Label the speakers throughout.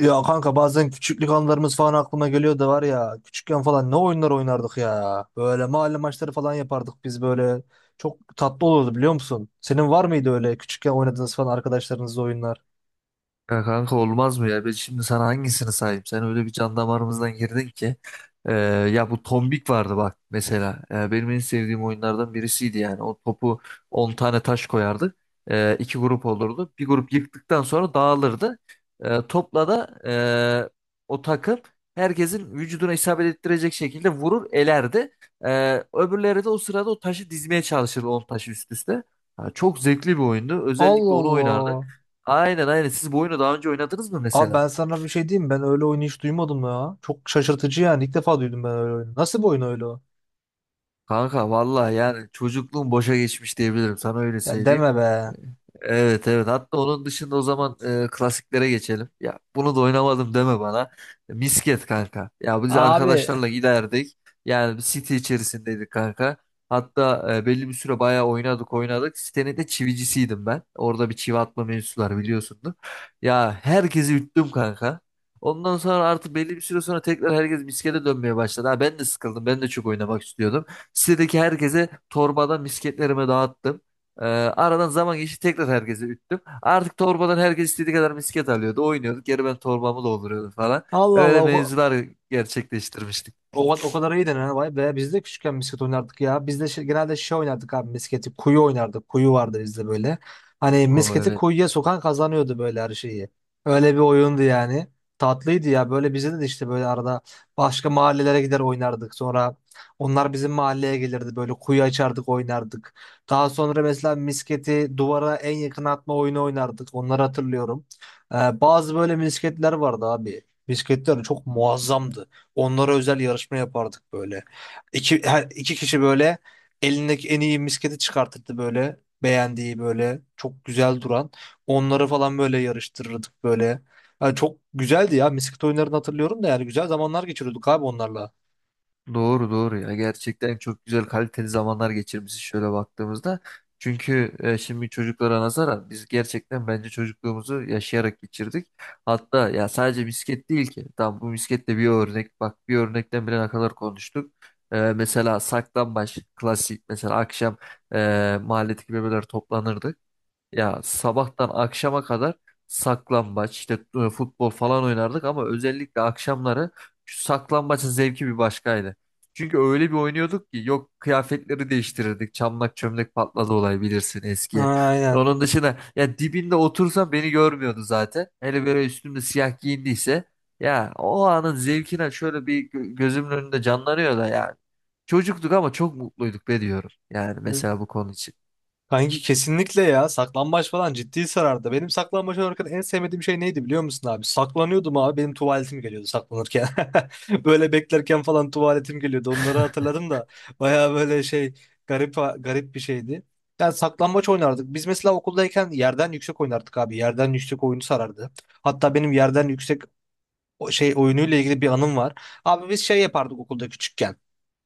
Speaker 1: Ya kanka bazen küçüklük anılarımız falan aklıma geliyor da var ya küçükken falan ne oyunlar oynardık ya. Böyle mahalle maçları falan yapardık biz böyle. Çok tatlı olurdu biliyor musun? Senin var mıydı öyle küçükken oynadığınız falan arkadaşlarınızla oyunlar?
Speaker 2: Ya kanka olmaz mı ya? Ben şimdi sana hangisini sayayım? Sen öyle bir can damarımızdan girdin ki. Ee, Ya bu tombik vardı bak mesela. Benim en sevdiğim oyunlardan birisiydi yani. O topu 10 tane taş koyardık. İki grup olurdu. Bir grup yıktıktan sonra dağılırdı. Topla da o takım herkesin vücuduna isabet ettirecek şekilde vurur elerdi. Öbürleri de o sırada o taşı dizmeye çalışırdı 10 taşı üst üste. Ha, çok zevkli bir oyundu.
Speaker 1: Allah
Speaker 2: Özellikle onu
Speaker 1: Allah.
Speaker 2: oynardık. Aynen aynen. Siz bu oyunu daha önce oynadınız mı
Speaker 1: Abi
Speaker 2: mesela?
Speaker 1: ben sana bir şey diyeyim mi? Ben öyle oyunu hiç duymadım ya. Çok şaşırtıcı yani ilk defa duydum ben öyle oyunu. Nasıl bir oyun öyle o?
Speaker 2: Kanka vallahi yani çocukluğum boşa geçmiş diyebilirim. Sana öyle
Speaker 1: Ya
Speaker 2: söyleyeyim.
Speaker 1: deme be.
Speaker 2: E, Evet evet. Hatta onun dışında o zaman klasiklere geçelim. Ya bunu da oynamadım deme bana. Misket kanka. Ya biz
Speaker 1: Abi,
Speaker 2: arkadaşlarla giderdik. Yani bir site içerisindeydik kanka. Hatta belli bir süre bayağı oynadık oynadık. Sitenin de çivicisiydim ben. Orada bir çivi atma mevzusu var biliyorsundur. Ya herkesi üttüm kanka. Ondan sonra artık belli bir süre sonra tekrar herkes miskete dönmeye başladı. Ha, ben de sıkıldım. Ben de çok oynamak istiyordum. Sitedeki herkese torbadan misketlerimi dağıttım. Aradan zaman geçti tekrar herkese üttüm. Artık torbadan herkes istediği kadar misket alıyordu. Oynuyorduk. Geri ben torbamı dolduruyordum falan.
Speaker 1: Allah
Speaker 2: Öyle
Speaker 1: Allah.
Speaker 2: mevzular gerçekleştirmiştik.
Speaker 1: O kadar iyi denen, vay be. Biz de küçükken misket oynardık ya. Biz de genelde şey oynardık abi misketi. Kuyu oynardık. Kuyu vardı bizde böyle. Hani misketi
Speaker 2: O
Speaker 1: kuyuya sokan kazanıyordu böyle her şeyi. Öyle bir oyundu yani. Tatlıydı ya. Böyle bize de işte böyle arada başka mahallelere gider oynardık. Sonra onlar bizim mahalleye gelirdi. Böyle kuyu açardık oynardık. Daha sonra mesela misketi duvara en yakın atma oyunu oynardık. Onları hatırlıyorum. Bazı böyle misketler vardı abi. Misketler çok muazzamdı. Onlara özel yarışma yapardık böyle. İki kişi böyle elindeki en iyi misketi çıkartırdı böyle. Beğendiği böyle çok güzel duran. Onları falan böyle yarıştırırdık böyle. Yani çok güzeldi ya. Misket oyunlarını hatırlıyorum da yani güzel zamanlar geçiriyorduk abi onlarla.
Speaker 2: Doğru doğru ya gerçekten çok güzel kaliteli zamanlar geçirmişiz şöyle baktığımızda. Çünkü şimdi çocuklara nazaran biz gerçekten bence çocukluğumuzu yaşayarak geçirdik. Hatta ya sadece misket değil ki. Tamam bu misketle bir örnek bak bir örnekten bile ne kadar konuştuk. Mesela saklambaç klasik mesela akşam mahalledeki bebeler toplanırdı. Ya sabahtan akşama kadar saklambaç, işte futbol falan oynardık ama özellikle akşamları şu saklambaçın zevki bir başkaydı. Çünkü öyle bir oynuyorduk ki yok kıyafetleri değiştirirdik. Çamlak çömlek patladı olay bilirsin
Speaker 1: Ha,
Speaker 2: eski.
Speaker 1: aynen.
Speaker 2: Onun dışında ya dibinde otursam beni görmüyordu zaten. Hele böyle üstümde siyah giyindiyse ya o anın zevkine şöyle bir gözümün önünde canlanıyor da yani. Çocuktuk ama çok mutluyduk be diyorum. Yani mesela bu konu için.
Speaker 1: Kanki kesinlikle ya. Saklambaç falan ciddi sarardı. Benim saklambaç oynarken en sevmediğim şey neydi biliyor musun abi? Saklanıyordum abi. Benim tuvaletim geliyordu saklanırken. Böyle beklerken falan tuvaletim geliyordu. Onları hatırladım da baya böyle şey garip garip bir şeydi. Yani saklambaç oynardık. Biz mesela okuldayken yerden yüksek oynardık abi. Yerden yüksek oyunu sarardı. Hatta benim yerden yüksek o şey oyunuyla ilgili bir anım var. Abi biz şey yapardık okulda küçükken.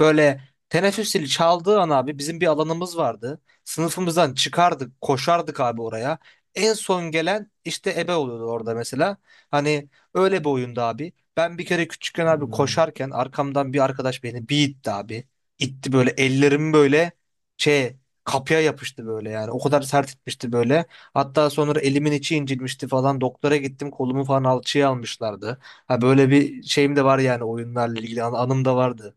Speaker 1: Böyle teneffüs zili çaldığı an abi bizim bir alanımız vardı. Sınıfımızdan çıkardık, koşardık abi oraya. En son gelen işte ebe oluyordu orada mesela. Hani öyle bir oyunda abi. Ben bir kere küçükken abi
Speaker 2: Hmm.
Speaker 1: koşarken arkamdan bir arkadaş beni bir itti abi. İtti böyle ellerim böyle şey kapıya yapıştı böyle yani. O kadar sert itmişti böyle. Hatta sonra elimin içi incinmişti falan. Doktora gittim kolumu falan alçıya almışlardı. Ha, böyle bir şeyim de var yani oyunlarla ilgili anım da vardı.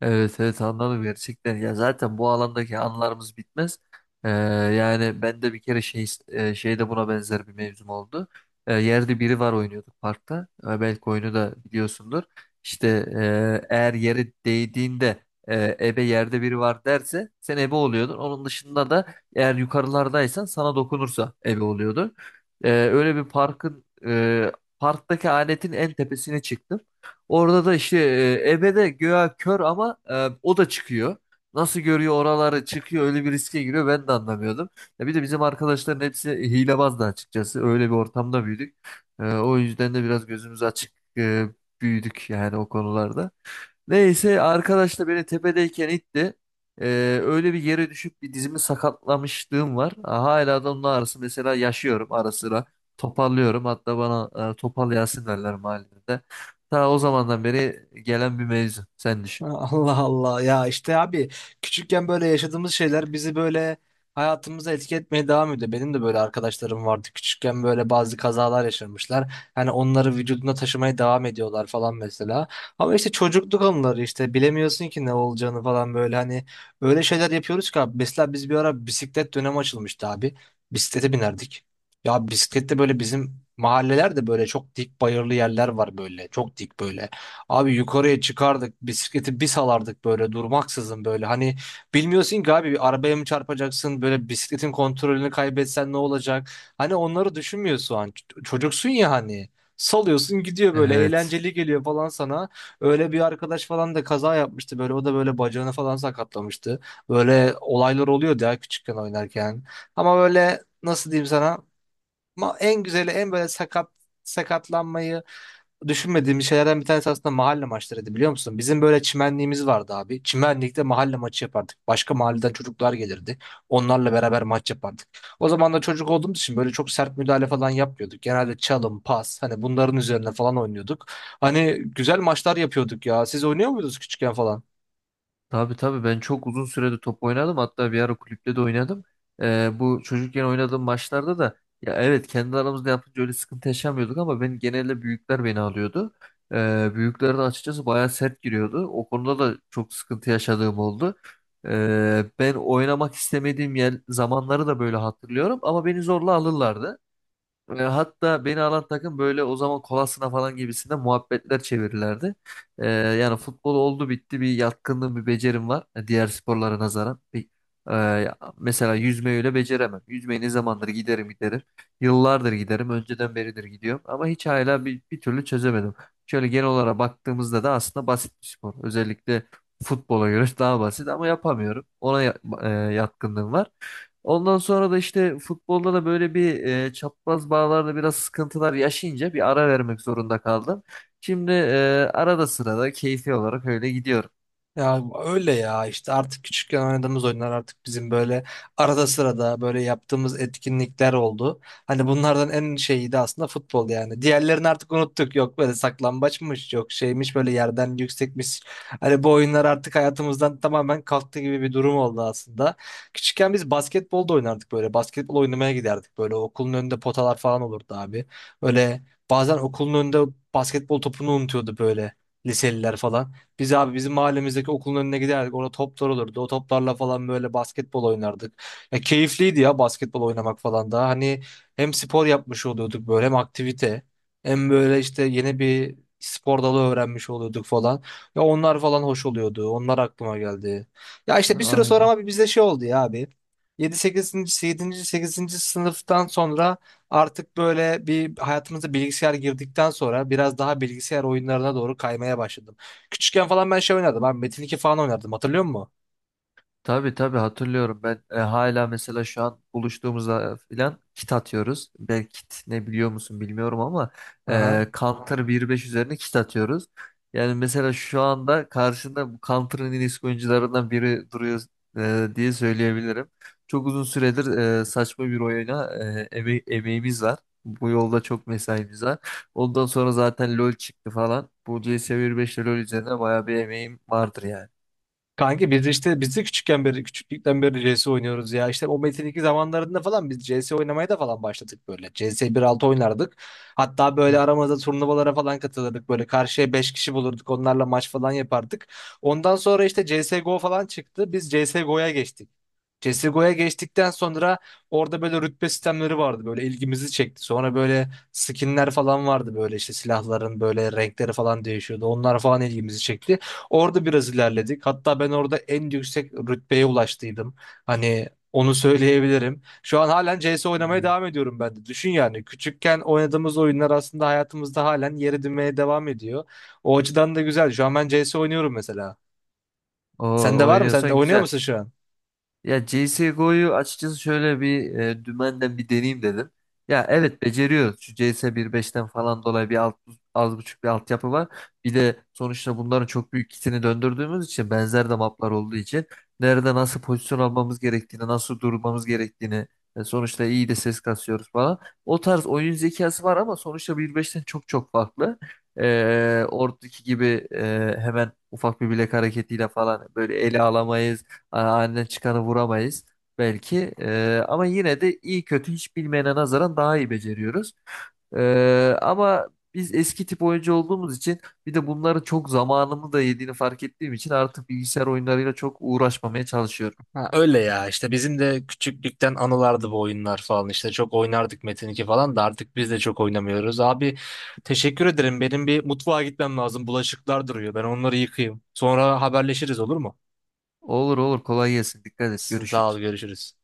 Speaker 2: Evet evet anladım gerçekten ya zaten bu alandaki anılarımız bitmez. Yani ben de bir kere şey şeyde buna benzer bir mevzum oldu. Yerde biri var oynuyorduk parkta. Belki oyunu da biliyorsundur. İşte eğer yere değdiğinde ebe yerde biri var derse sen ebe oluyordun, onun dışında da eğer yukarılardaysan sana dokunursa ebe oluyordun. Öyle bir parkın parktaki aletin en tepesine çıktım. Orada da işte ebe de göğe kör ama o da çıkıyor. Nasıl görüyor oraları çıkıyor öyle bir riske giriyor ben de anlamıyordum. Ya bir de bizim arkadaşların hepsi hilebazdı açıkçası. Öyle bir ortamda büyüdük. O yüzden de biraz gözümüz açık e, büyüdük yani o konularda. Neyse arkadaş da beni tepedeyken itti. Öyle bir yere düşüp bir dizimi sakatlamışlığım var. Hala da onun ağrısı mesela yaşıyorum ara sıra. Toparlıyorum. Hatta bana topal Yasin derler mahallede. Ta o zamandan beri gelen bir mevzu. Sen düşün.
Speaker 1: Allah Allah ya işte abi küçükken böyle yaşadığımız şeyler bizi böyle hayatımıza etki etmeye devam ediyor. Benim de böyle arkadaşlarım vardı küçükken böyle bazı kazalar yaşamışlar. Hani onları vücudunda taşımaya devam ediyorlar falan mesela. Ama işte çocukluk anıları işte bilemiyorsun ki ne olacağını falan böyle hani öyle şeyler yapıyoruz ki abi. Mesela biz bir ara bisiklet dönemi açılmıştı abi. Bisiklete binerdik. Ya bisiklette böyle bizim mahallelerde böyle çok dik bayırlı yerler var böyle çok dik böyle. Abi yukarıya çıkardık bisikleti bir salardık böyle durmaksızın böyle. Hani bilmiyorsun ki abi bir arabaya mı çarpacaksın böyle bisikletin kontrolünü kaybetsen ne olacak? Hani onları düşünmüyorsun an. Çocuksun ya hani. Salıyorsun gidiyor böyle
Speaker 2: Evet.
Speaker 1: eğlenceli geliyor falan sana. Öyle bir arkadaş falan da kaza yapmıştı böyle o da böyle bacağını falan sakatlamıştı. Böyle olaylar oluyordu ya küçükken oynarken. Ama böyle nasıl diyeyim sana? En güzeli en böyle sakatlanmayı düşünmediğimiz şeylerden bir tanesi aslında mahalle maçlarıydı biliyor musun? Bizim böyle çimenliğimiz vardı abi. Çimenlikte mahalle maçı yapardık. Başka mahalleden çocuklar gelirdi. Onlarla beraber maç yapardık. O zaman da çocuk olduğumuz için böyle çok sert müdahale falan yapmıyorduk. Genelde çalım, pas hani bunların üzerine falan oynuyorduk. Hani güzel maçlar yapıyorduk ya. Siz oynuyor muydunuz küçükken falan?
Speaker 2: Tabii tabii ben çok uzun sürede top oynadım hatta bir ara kulüpte de oynadım. Bu çocukken oynadığım maçlarda da ya evet kendi aramızda yapınca öyle sıkıntı yaşamıyorduk ama ben genelde büyükler beni alıyordu. Büyükler de açıkçası bayağı sert giriyordu. O konuda da çok sıkıntı yaşadığım oldu. Ben oynamak istemediğim yer, zamanları da böyle hatırlıyorum ama beni zorla alırlardı. Hatta beni alan takım böyle o zaman kolasına falan gibisinde muhabbetler çevirirlerdi. Yani futbol oldu bitti bir yatkınlığım bir becerim var diğer sporlara nazaran. Mesela yüzmeyi öyle beceremem. Yüzmeyi ne zamandır giderim giderim. Yıllardır giderim önceden beridir gidiyorum ama hiç hala bir türlü çözemedim. Şöyle genel olarak baktığımızda da aslında basit bir spor. Özellikle futbola göre daha basit ama yapamıyorum. Ona yatkınlığım var. Ondan sonra da işte futbolda da böyle bir çapraz bağlarda biraz sıkıntılar yaşayınca bir ara vermek zorunda kaldım. Şimdi arada sırada keyfi olarak öyle gidiyorum.
Speaker 1: Ya öyle ya işte artık küçükken oynadığımız oyunlar artık bizim böyle arada sırada böyle yaptığımız etkinlikler oldu. Hani bunlardan en şeyi de aslında futbol yani. Diğerlerini artık unuttuk. Yok böyle saklambaçmış, yok şeymiş böyle yerden yüksekmiş. Hani bu oyunlar artık hayatımızdan tamamen kalktı gibi bir durum oldu aslında. Küçükken biz basketbol da oynardık böyle. Basketbol oynamaya giderdik böyle. Okulun önünde potalar falan olurdu abi. Böyle bazen okulun önünde basketbol topunu unutuyordu böyle liseliler falan. Biz abi bizim mahallemizdeki okulun önüne giderdik. Orada toplar olurdu. O toplarla falan böyle basketbol oynardık. Ya keyifliydi ya basketbol oynamak falan da. Hani hem spor yapmış oluyorduk böyle hem aktivite. Hem böyle işte yeni bir spor dalı öğrenmiş oluyorduk falan. Ya onlar falan hoş oluyordu. Onlar aklıma geldi. Ya işte bir süre sonra
Speaker 2: Aynen.
Speaker 1: ama bizde şey oldu ya abi. 7. sekizinci sınıftan sonra artık böyle bir hayatımıza bilgisayar girdikten sonra biraz daha bilgisayar oyunlarına doğru kaymaya başladık. Küçükken falan ben şey oynardım. Ben Metin 2 falan oynardım. Hatırlıyor musun?
Speaker 2: Tabii tabii hatırlıyorum ben hala mesela şu an buluştuğumuzda filan kit atıyoruz. Belki kit ne biliyor musun bilmiyorum ama
Speaker 1: Aha.
Speaker 2: Counter 1.5 üzerine kit atıyoruz. Yani mesela şu anda karşında bu Counter'ın en eski oyuncularından biri duruyor diye söyleyebilirim. Çok uzun süredir saçma bir oyuna emeğimiz var. Bu yolda çok mesaimiz var. Ondan sonra zaten LoL çıktı falan. Bu CS 1.5 ile LoL üzerine bayağı bir emeğim vardır yani.
Speaker 1: Kanka biz de işte biz de küçükken beri küçüklükten beri CS oynuyoruz ya. İşte o Metin 2 zamanlarında falan biz CS oynamaya da falan başladık böyle. CS 1.6 oynardık. Hatta böyle aramızda turnuvalara falan katılırdık. Böyle karşıya 5 kişi bulurduk. Onlarla maç falan yapardık. Ondan sonra işte CSGO falan çıktı. Biz CSGO'ya geçtik. CSGO'ya geçtikten sonra orada böyle rütbe sistemleri vardı böyle ilgimizi çekti. Sonra böyle skinler falan vardı böyle işte silahların böyle renkleri falan değişiyordu. Onlar falan ilgimizi çekti. Orada biraz ilerledik. Hatta ben orada en yüksek rütbeye ulaştıydım. Hani onu söyleyebilirim. Şu an halen CS
Speaker 2: Hı.
Speaker 1: oynamaya devam ediyorum ben de. Düşün yani küçükken oynadığımız oyunlar aslında hayatımızda halen yer edinmeye devam ediyor. O açıdan da güzel. Şu an ben CS oynuyorum mesela.
Speaker 2: Oo,
Speaker 1: Sende var mı? Sen de
Speaker 2: oynuyorsan
Speaker 1: oynuyor
Speaker 2: güzel.
Speaker 1: musun şu an?
Speaker 2: Ya CSGO'yu açıkçası şöyle bir dümenden bir deneyeyim dedim. Ya evet beceriyor. Şu CS 1.5'ten falan dolayı az buçuk bir altyapı var. Bir de sonuçta bunların çok büyük kitini döndürdüğümüz için benzer de maplar olduğu için nerede nasıl pozisyon almamız gerektiğini, nasıl durmamız gerektiğini sonuçta iyi de ses kasıyoruz falan. O tarz oyun zekası var ama sonuçta bir beşten çok çok farklı. Oradaki gibi hemen ufak bir bilek hareketiyle falan böyle ele alamayız. Aynen çıkanı vuramayız belki. Ama yine de iyi kötü hiç bilmeyene nazaran daha iyi beceriyoruz. Ama biz eski tip oyuncu olduğumuz için bir de bunların çok zamanımı da yediğini fark ettiğim için artık bilgisayar oyunlarıyla çok uğraşmamaya çalışıyorum.
Speaker 1: Ha, öyle ya işte bizim de küçüklükten anılardı bu oyunlar falan işte çok oynardık Metin 2 falan da artık biz de çok oynamıyoruz. Abi teşekkür ederim benim bir mutfağa gitmem lazım bulaşıklar duruyor ben onları yıkayayım sonra haberleşiriz olur mu?
Speaker 2: Olur olur kolay gelsin. Dikkat et.
Speaker 1: Sağ ol
Speaker 2: Görüşürüz.
Speaker 1: görüşürüz.